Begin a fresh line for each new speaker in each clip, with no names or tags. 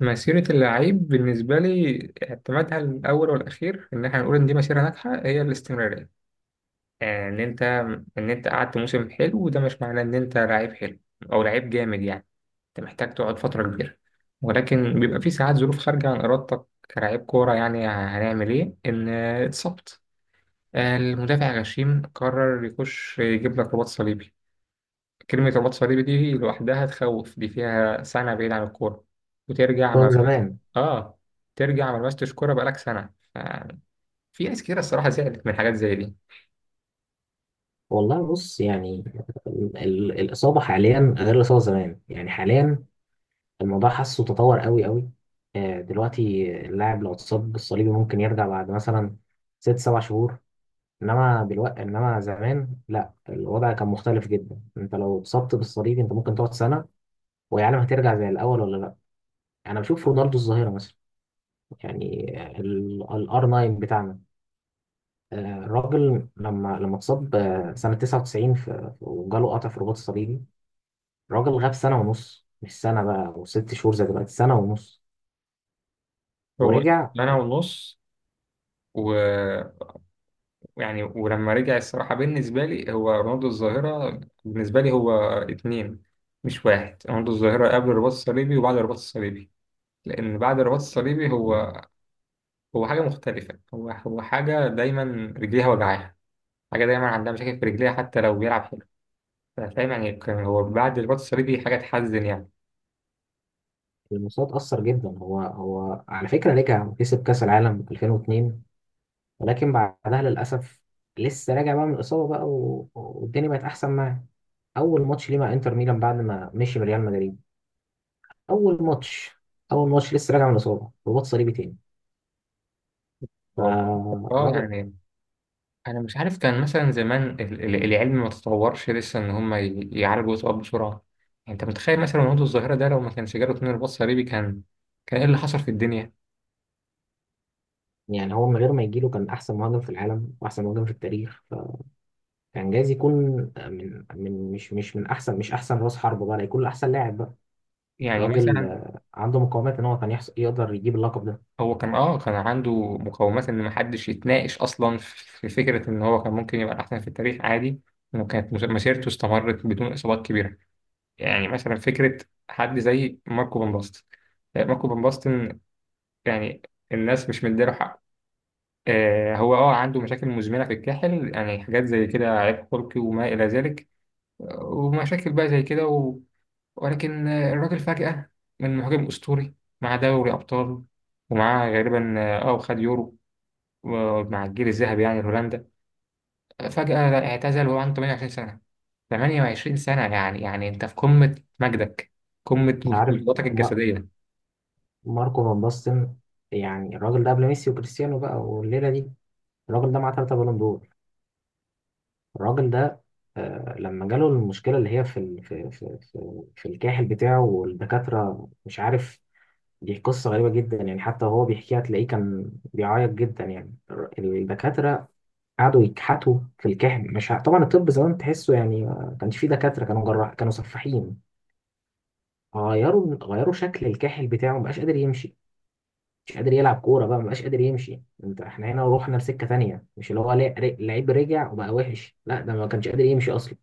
مسيرة اللعيب بالنسبة لي اعتمادها الأول والأخير إن إحنا نقول إن دي مسيرة ناجحة هي الاستمرارية، يعني إن أنت قعدت موسم حلو، وده مش معناه إن أنت لعيب حلو أو لعيب جامد، يعني أنت محتاج تقعد فترة كبيرة، ولكن بيبقى في ساعات ظروف خارجة عن إرادتك كلاعب كورة. يعني هنعمل إيه؟ إن اتصبت، المدافع غشيم قرر يخش يجيب لك رباط صليبي، كلمة رباط صليبي دي لوحدها تخوف، دي فيها سنة بعيد عن الكورة.
من
وترجع.
زمان.
اه، ترجع ما لمستش كوره بقالك سنه. ف- في ناس كتير الصراحه زعلت من حاجات زي دي.
والله بص، يعني الإصابة حاليا غير الإصابة زمان، يعني حاليا الموضوع حاسه تطور قوي قوي. دلوقتي اللاعب لو اتصاب بالصليبي ممكن يرجع بعد مثلا 6 7 شهور. إنما زمان لا، الوضع كان مختلف جدا. أنت لو اتصبت بالصليبي أنت ممكن تقعد سنة ويعلم هترجع زي الأول ولا لا. أنا بشوف رونالدو الظاهرة مثلا، يعني الار 9 بتاعنا. آه، الراجل لما اتصاب، سنة 99، وجاله قطع في الرباط الصليبي. الراجل غاب سنة ونص، مش سنة بقى وست شهور زي دلوقتي، سنة ونص
هو
ورجع.
سنه ونص و- ويعني، ولما رجع الصراحه بالنسبه لي هو رونالدو الظاهره، بالنسبه لي هو اتنين مش واحد، رونالدو الظاهره قبل الرباط الصليبي وبعد الرباط الصليبي. لان بعد الرباط الصليبي هو هو حاجه مختلفه، هو هو حاجه دايما رجليها وجعاها، حاجه دايما عندها مشاكل في رجليها حتى لو بيلعب حلو. فاهم يعني؟ كان هو بعد الرباط الصليبي حاجه تحزن يعني.
المستوى اتأثر جدا. هو على فكرة رجع وكسب كأس العالم 2002، ولكن بعدها للأسف لسه راجع بقى من الإصابة بقى والدنيا بقت أحسن معاه. أول ماتش ليه مع إنتر ميلان بعد ما مشي من ريال مدريد، أول ماتش أول ماتش لسه راجع من الإصابة، رباط صليبي تاني.
هو اه
فالراجل
يعني انا مش عارف، كان مثلا زمان العلم ما تطورش لسه، ان هم يعالجوا الاكتئاب بسرعه. يعني انت متخيل مثلا وجود الظاهره ده لو ما كانش جاله تنين رباط صليبي، كان كان ايه اللي حصل في الدنيا؟
يعني هو من غير ما يجيله كان احسن مهاجم في العالم واحسن مهاجم في التاريخ. فكان جايز يكون، من مش من احسن مش احسن راس حرب بقى، لا يكون احسن لاعب بقى.
يعني
راجل
مثلا،
عنده مقومات ان هو كان يقدر يجيب اللقب ده.
هو كان عنده مقومات ان ما حدش يتناقش اصلا في فكره ان هو كان ممكن يبقى الاحسن في التاريخ عادي، انه كانت مسيرته استمرت بدون اصابات كبيره. يعني مثلا فكره حد زي ماركو بن باستن، ماركو بن باستن، يعني الناس مش مديله حقه. آه، هو عنده مشاكل مزمنة في الكاحل، يعني حاجات زي كده عيب خلقي وما إلى ذلك، ومشاكل بقى زي كده و... ولكن الراجل فجأة، من مهاجم أسطوري مع دوري أبطال، ومعاه غالبا وخد يورو مع الجيل الذهبي يعني لهولندا، فجأة لا، اعتزل وهو عنده 28 سنة. 28 سنة يعني، يعني أنت في قمة مجدك، قمة
انت عارف،
قدراتك
ما-
الجسدية.
ماركو فان باستن، يعني الراجل ده قبل ميسي وكريستيانو بقى والليله دي، الراجل ده معاه 3 بالون دور. الراجل ده لما جاله المشكله اللي هي في ال- في في في, في الكاحل بتاعه والدكاتره مش عارف. دي قصة غريبة جدا، يعني حتى وهو بيحكيها تلاقيه كان بيعيط جدا. يعني الدكاترة قعدوا يكحتوا في الكحم، مش طبعا الطب زمان تحسه، يعني ما كانش فيه دكاترة، كانوا جراح كانوا سفاحين. غيروا شكل الكاحل بتاعه، مبقاش قادر يمشي. مش قادر يلعب كورة بقى، مبقاش قادر يمشي. احنا هنا روحنا لسكة تانية، مش اللي هو لعيب رجع وبقى وحش، لا، ده ما كانش قادر يمشي أصلا.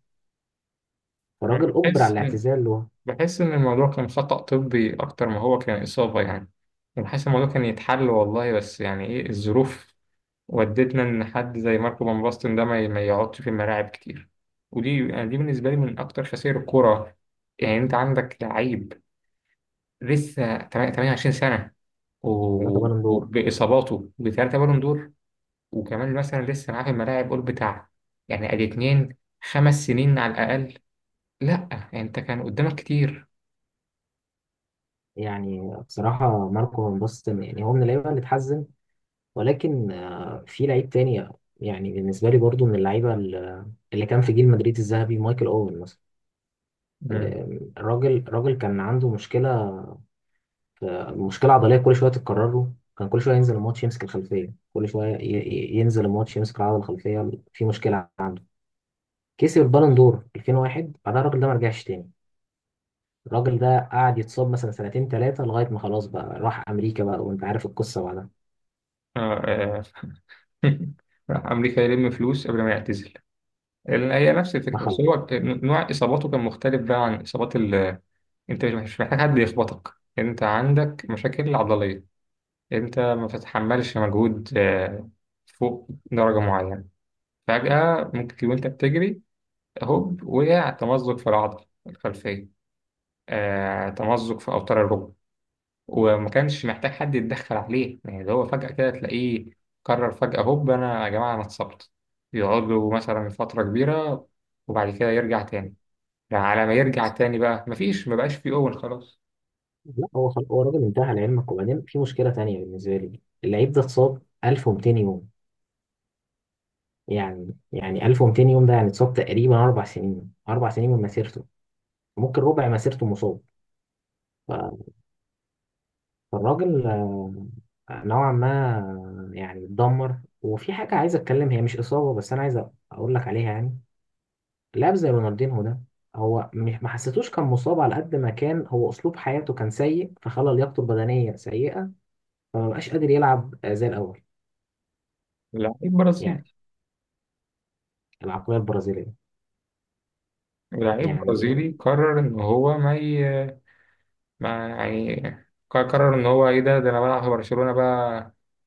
فالراجل أجبر على
بس
الاعتزال له.
بحس إن الموضوع كان خطأ طبي أكتر ما هو كان إصابة يعني. بحس الموضوع كان يتحل والله، بس يعني إيه الظروف ودتنا إن حد زي ماركو فان باستن ده ما ما يقعدش في الملاعب كتير. ودي يعني، دي بالنسبة لي من أكتر خسائر الكورة. يعني أنت عندك لعيب لسه 28 سنة
ثلاثة
و-
بالون دور
وبإصاباته بثلاثة بالون دور، وكمان مثلا لسه معاه في الملاعب قول بتاع يعني أدي اتنين، 5 سنين على الأقل. لأ يعني أنت كان قدامك كتير.
يعني بصراحة ماركو فان باستن، يعني هو من اللعيبة اللي اتحزن. ولكن في لعيب تاني، يعني بالنسبة لي برضو من اللعيبة اللي كان في جيل مدريد الذهبي، مايكل أوين مثلا. الراجل كان عنده مشكلة عضلية كل شوية تتكرر له. كان كل شوية ينزل الماتش يمسك الخلفية، كل شوية ينزل الماتش يمسك العضلة الخلفية، في مشكلة. كسب البالون دور 2001، بعدها الراجل ده ما رجعش تاني. الراجل ده قعد يتصاب مثلا سنتين ثلاثة لغاية ما خلاص بقى راح أمريكا بقى، وأنت عارف القصة بعدها.
مم. راح أمريكا يلم فلوس قبل ما يعتزل، لأن هي نفس
ما
الفكرة، بس
خلص.
هو كان- نوع إصاباته كان مختلف بقى عن إصابات ال... أنت مش محتاج حد يخبطك، أنت عندك مشاكل عضلية، أنت ما بتتحملش مجهود فوق درجة معينة، فجأة ممكن تكون أنت بتجري، هوب وقع تمزق في العضلة الخلفية، تمزق في أوتار الركبة. وما كانش محتاج حد يتدخل عليه، يعني اللي هو فجأة كده تلاقيه قرر فجأة هوب أنا يا جماعة أنا اتصبت، يقعد له مثلا فترة كبيرة وبعد كده يرجع تاني، يعني على ما يرجع تاني بقى مفيش، مبقاش فيه أول خلاص.
لا، هو الراجل انتهى لعلمك. وبعدين في مشكله تانية بالنسبه لي، اللعيب ده اتصاب 1200 يوم. يعني 1200 يوم ده يعني اتصاب تقريبا 4 سنين، 4 سنين من مسيرته. ممكن ربع مسيرته مصاب. ف- فالراجل نوعا ما يعني اتدمر. وفي حاجه عايز اتكلم، هي مش اصابه بس انا عايز اقول لك عليها. يعني لاعب زي رونالدينهو ده، هو مش ما حسيتوش كان مصاب على قد ما كان، هو اسلوب حياته كان سيء فخلى لياقته البدنيه سيئه، فما بقاش قادر يلعب زي الاول.
لعيب برازيلي،
يعني العقلية البرازيلية.
لعيب
يعني
برازيلي قرر إن هو ما, ي... ما يعني ق- قرر إن هو إيه، ده أنا بلعب في برشلونة بقى،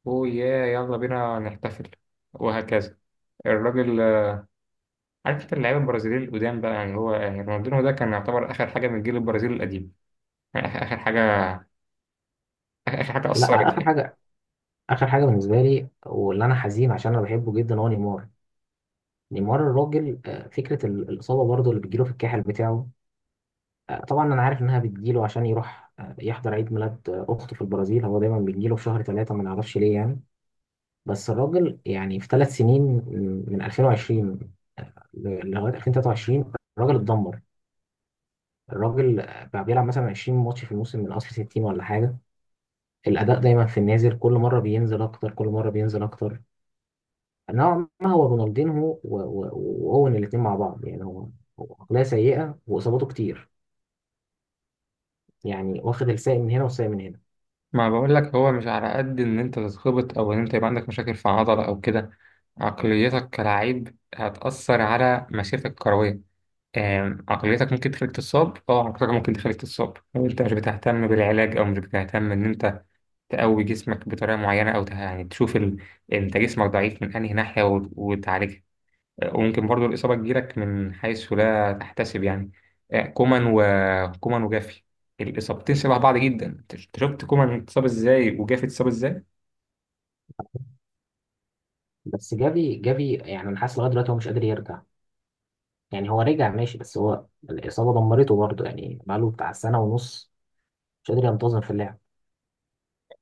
أوه يا يلا بينا نحتفل وهكذا. الراجل، عارف انت اللعيبه البرازيليين القدام بقى، يعني هو يعني رونالدينو ده كان يعتبر اخر حاجه من الجيل البرازيلي القديم، يعني اخر آخر حاجه، آخر آخر حاجه اثرت
لا، آخر
يعني.
حاجة آخر حاجة بالنسبة لي، واللي أنا حزين عشان أنا بحبه جدا، هو نيمار. نيمار الراجل فكرة الإصابة برضه اللي بتجيله في الكاحل بتاعه. طبعا أنا عارف إنها بتجيله عشان يروح يحضر عيد ميلاد أخته في البرازيل، هو دايما بيجيله في شهر ثلاثة، ما نعرفش ليه يعني. بس الراجل، يعني في 3 سنين من 2020 لغاية 2023، الراجل اتدمر. الراجل بقى بيلعب مثلا 20 ماتش في الموسم من أصل 60 ولا حاجة. الأداء دايما في النازل، كل مرة بينزل أكتر، كل مرة بينزل أكتر. نوعا ما هو رونالدينهو وأوين الاتنين مع بعض. يعني هو عقلية سيئة وإصاباته كتير. يعني واخد الساق من هنا والساق من هنا.
ما بقول لك هو مش على قد ان انت تتخبط او ان انت يبقى عندك مشاكل في عضله او كده، عقليتك كلاعب هتاثر على مسيرتك الكرويه. عقليتك ممكن تخليك تصاب، عقليتك ممكن تخليك تصاب لو انت مش بتهتم بالعلاج او مش بتهتم ان انت تقوي جسمك بطريقه معينه، او يعني تشوف ال... انت جسمك ضعيف من انهي ناحيه وتعالجها. وممكن برضو الإصابة تجيلك من حيث لا تحتسب يعني، كومان وكومان وجافي، الإصابتين شبه بعض جدا، أنت شفت كومان اتصاب إزاي وجافي اتصاب إزاي.
بس جافي، جافي يعني أنا حاسس لغاية دلوقتي هو مش قادر يرجع. يعني هو رجع ماشي، بس هو الإصابة دمرته برضه، يعني بقاله بتاع سنة ونص مش قادر ينتظم في اللعب.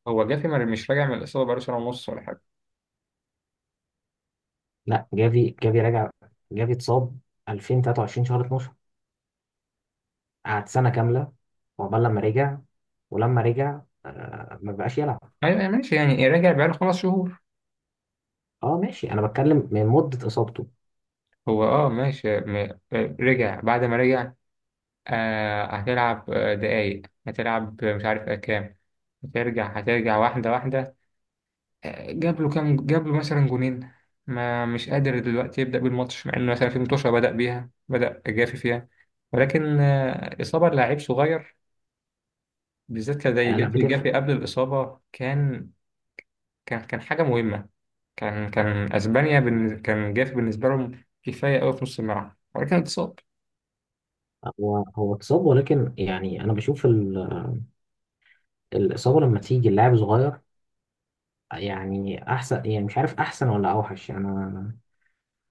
هو جافي مش راجع من الإصابة بقاله سنة ونص ولا حاجة.
لا، جافي جافي رجع. جافي اتصاب 2023 شهر 12، قعد سنة كاملة، وعقبال لما رجع. ولما رجع ما بقاش يلعب.
أيوة أيوة، ماشي يعني إيه، راجع بقاله 5 شهور.
اه، ماشي. انا بتكلم من مده اصابته.
هو أه ماشي رجع بعد ما رجع، هتلعب دقايق، هتلعب مش عارف كام. هترجع هترجع واحدة واحدة، جاب له كام، جاب له مثلا جونين، ما مش قادر دلوقتي يبدأ بالماتش مع انه مثلا في متوشة بدأ بيها، بدأ جافي فيها. ولكن إصابة لعيب صغير بالذات كان زي
آه لا،
جافي. جافي
بتفرق.
قبل الإصابة كان كان حاجة مهمة، كان أسبانيا كان جافي بالنسبة لهم كفاية أوي في نص الملعب، ولكن اتصاب.
هو اتصاب، ولكن يعني انا بشوف الاصابه لما تيجي اللاعب صغير، يعني احسن، يعني مش عارف احسن ولا اوحش. انا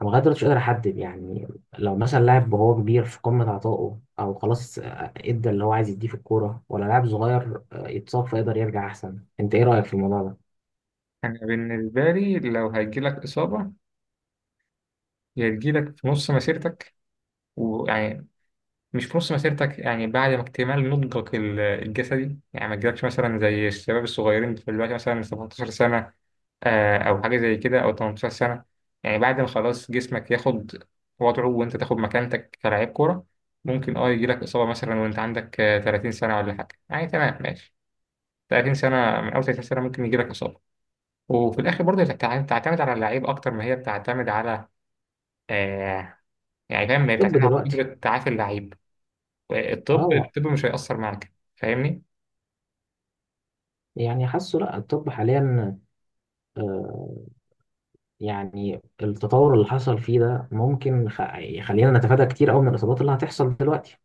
انا لغايه دلوقتي مش قادر احدد يعني. لو مثلا لاعب وهو كبير في قمه عطائه، او خلاص ادى اللي هو عايز يديه في الكوره، ولا لاعب صغير يتصاب فيقدر يرجع احسن؟ انت ايه رايك في الموضوع ده؟
أنا بالنسبة لي لو هيجيلك إصابة، يا تجيلك في نص مسيرتك، ويعني مش في نص مسيرتك، يعني بعد ما اكتمال نضجك الجسدي، يعني ما تجيلكش مثلا زي الشباب الصغيرين دلوقتي مثلا 17 سنة أو حاجة زي كده أو 18 سنة، يعني بعد ما خلاص جسمك ياخد وضعه وأنت تاخد مكانتك كلاعب كورة. ممكن يجيلك إصابة مثلا وأنت عندك 30 سنة ولا حاجة يعني، تمام ماشي، 30 سنة من أول 30 سنة ممكن يجيلك إصابة. وفي الآخر برضه بتعتمد على اللعيب أكتر ما هي بتعتمد على آه يعني فاهم. هي
طب
بتعتمد على
دلوقتي،
قدرة تعافي اللعيب. الطب
اه،
الطب مش هيأثر معاك، فاهمني؟
يعني حاسه لا، الطب حاليا آه، يعني التطور اللي حصل فيه ده ممكن يخلينا نتفادى كتير قوي من الاصابات اللي هتحصل دلوقتي.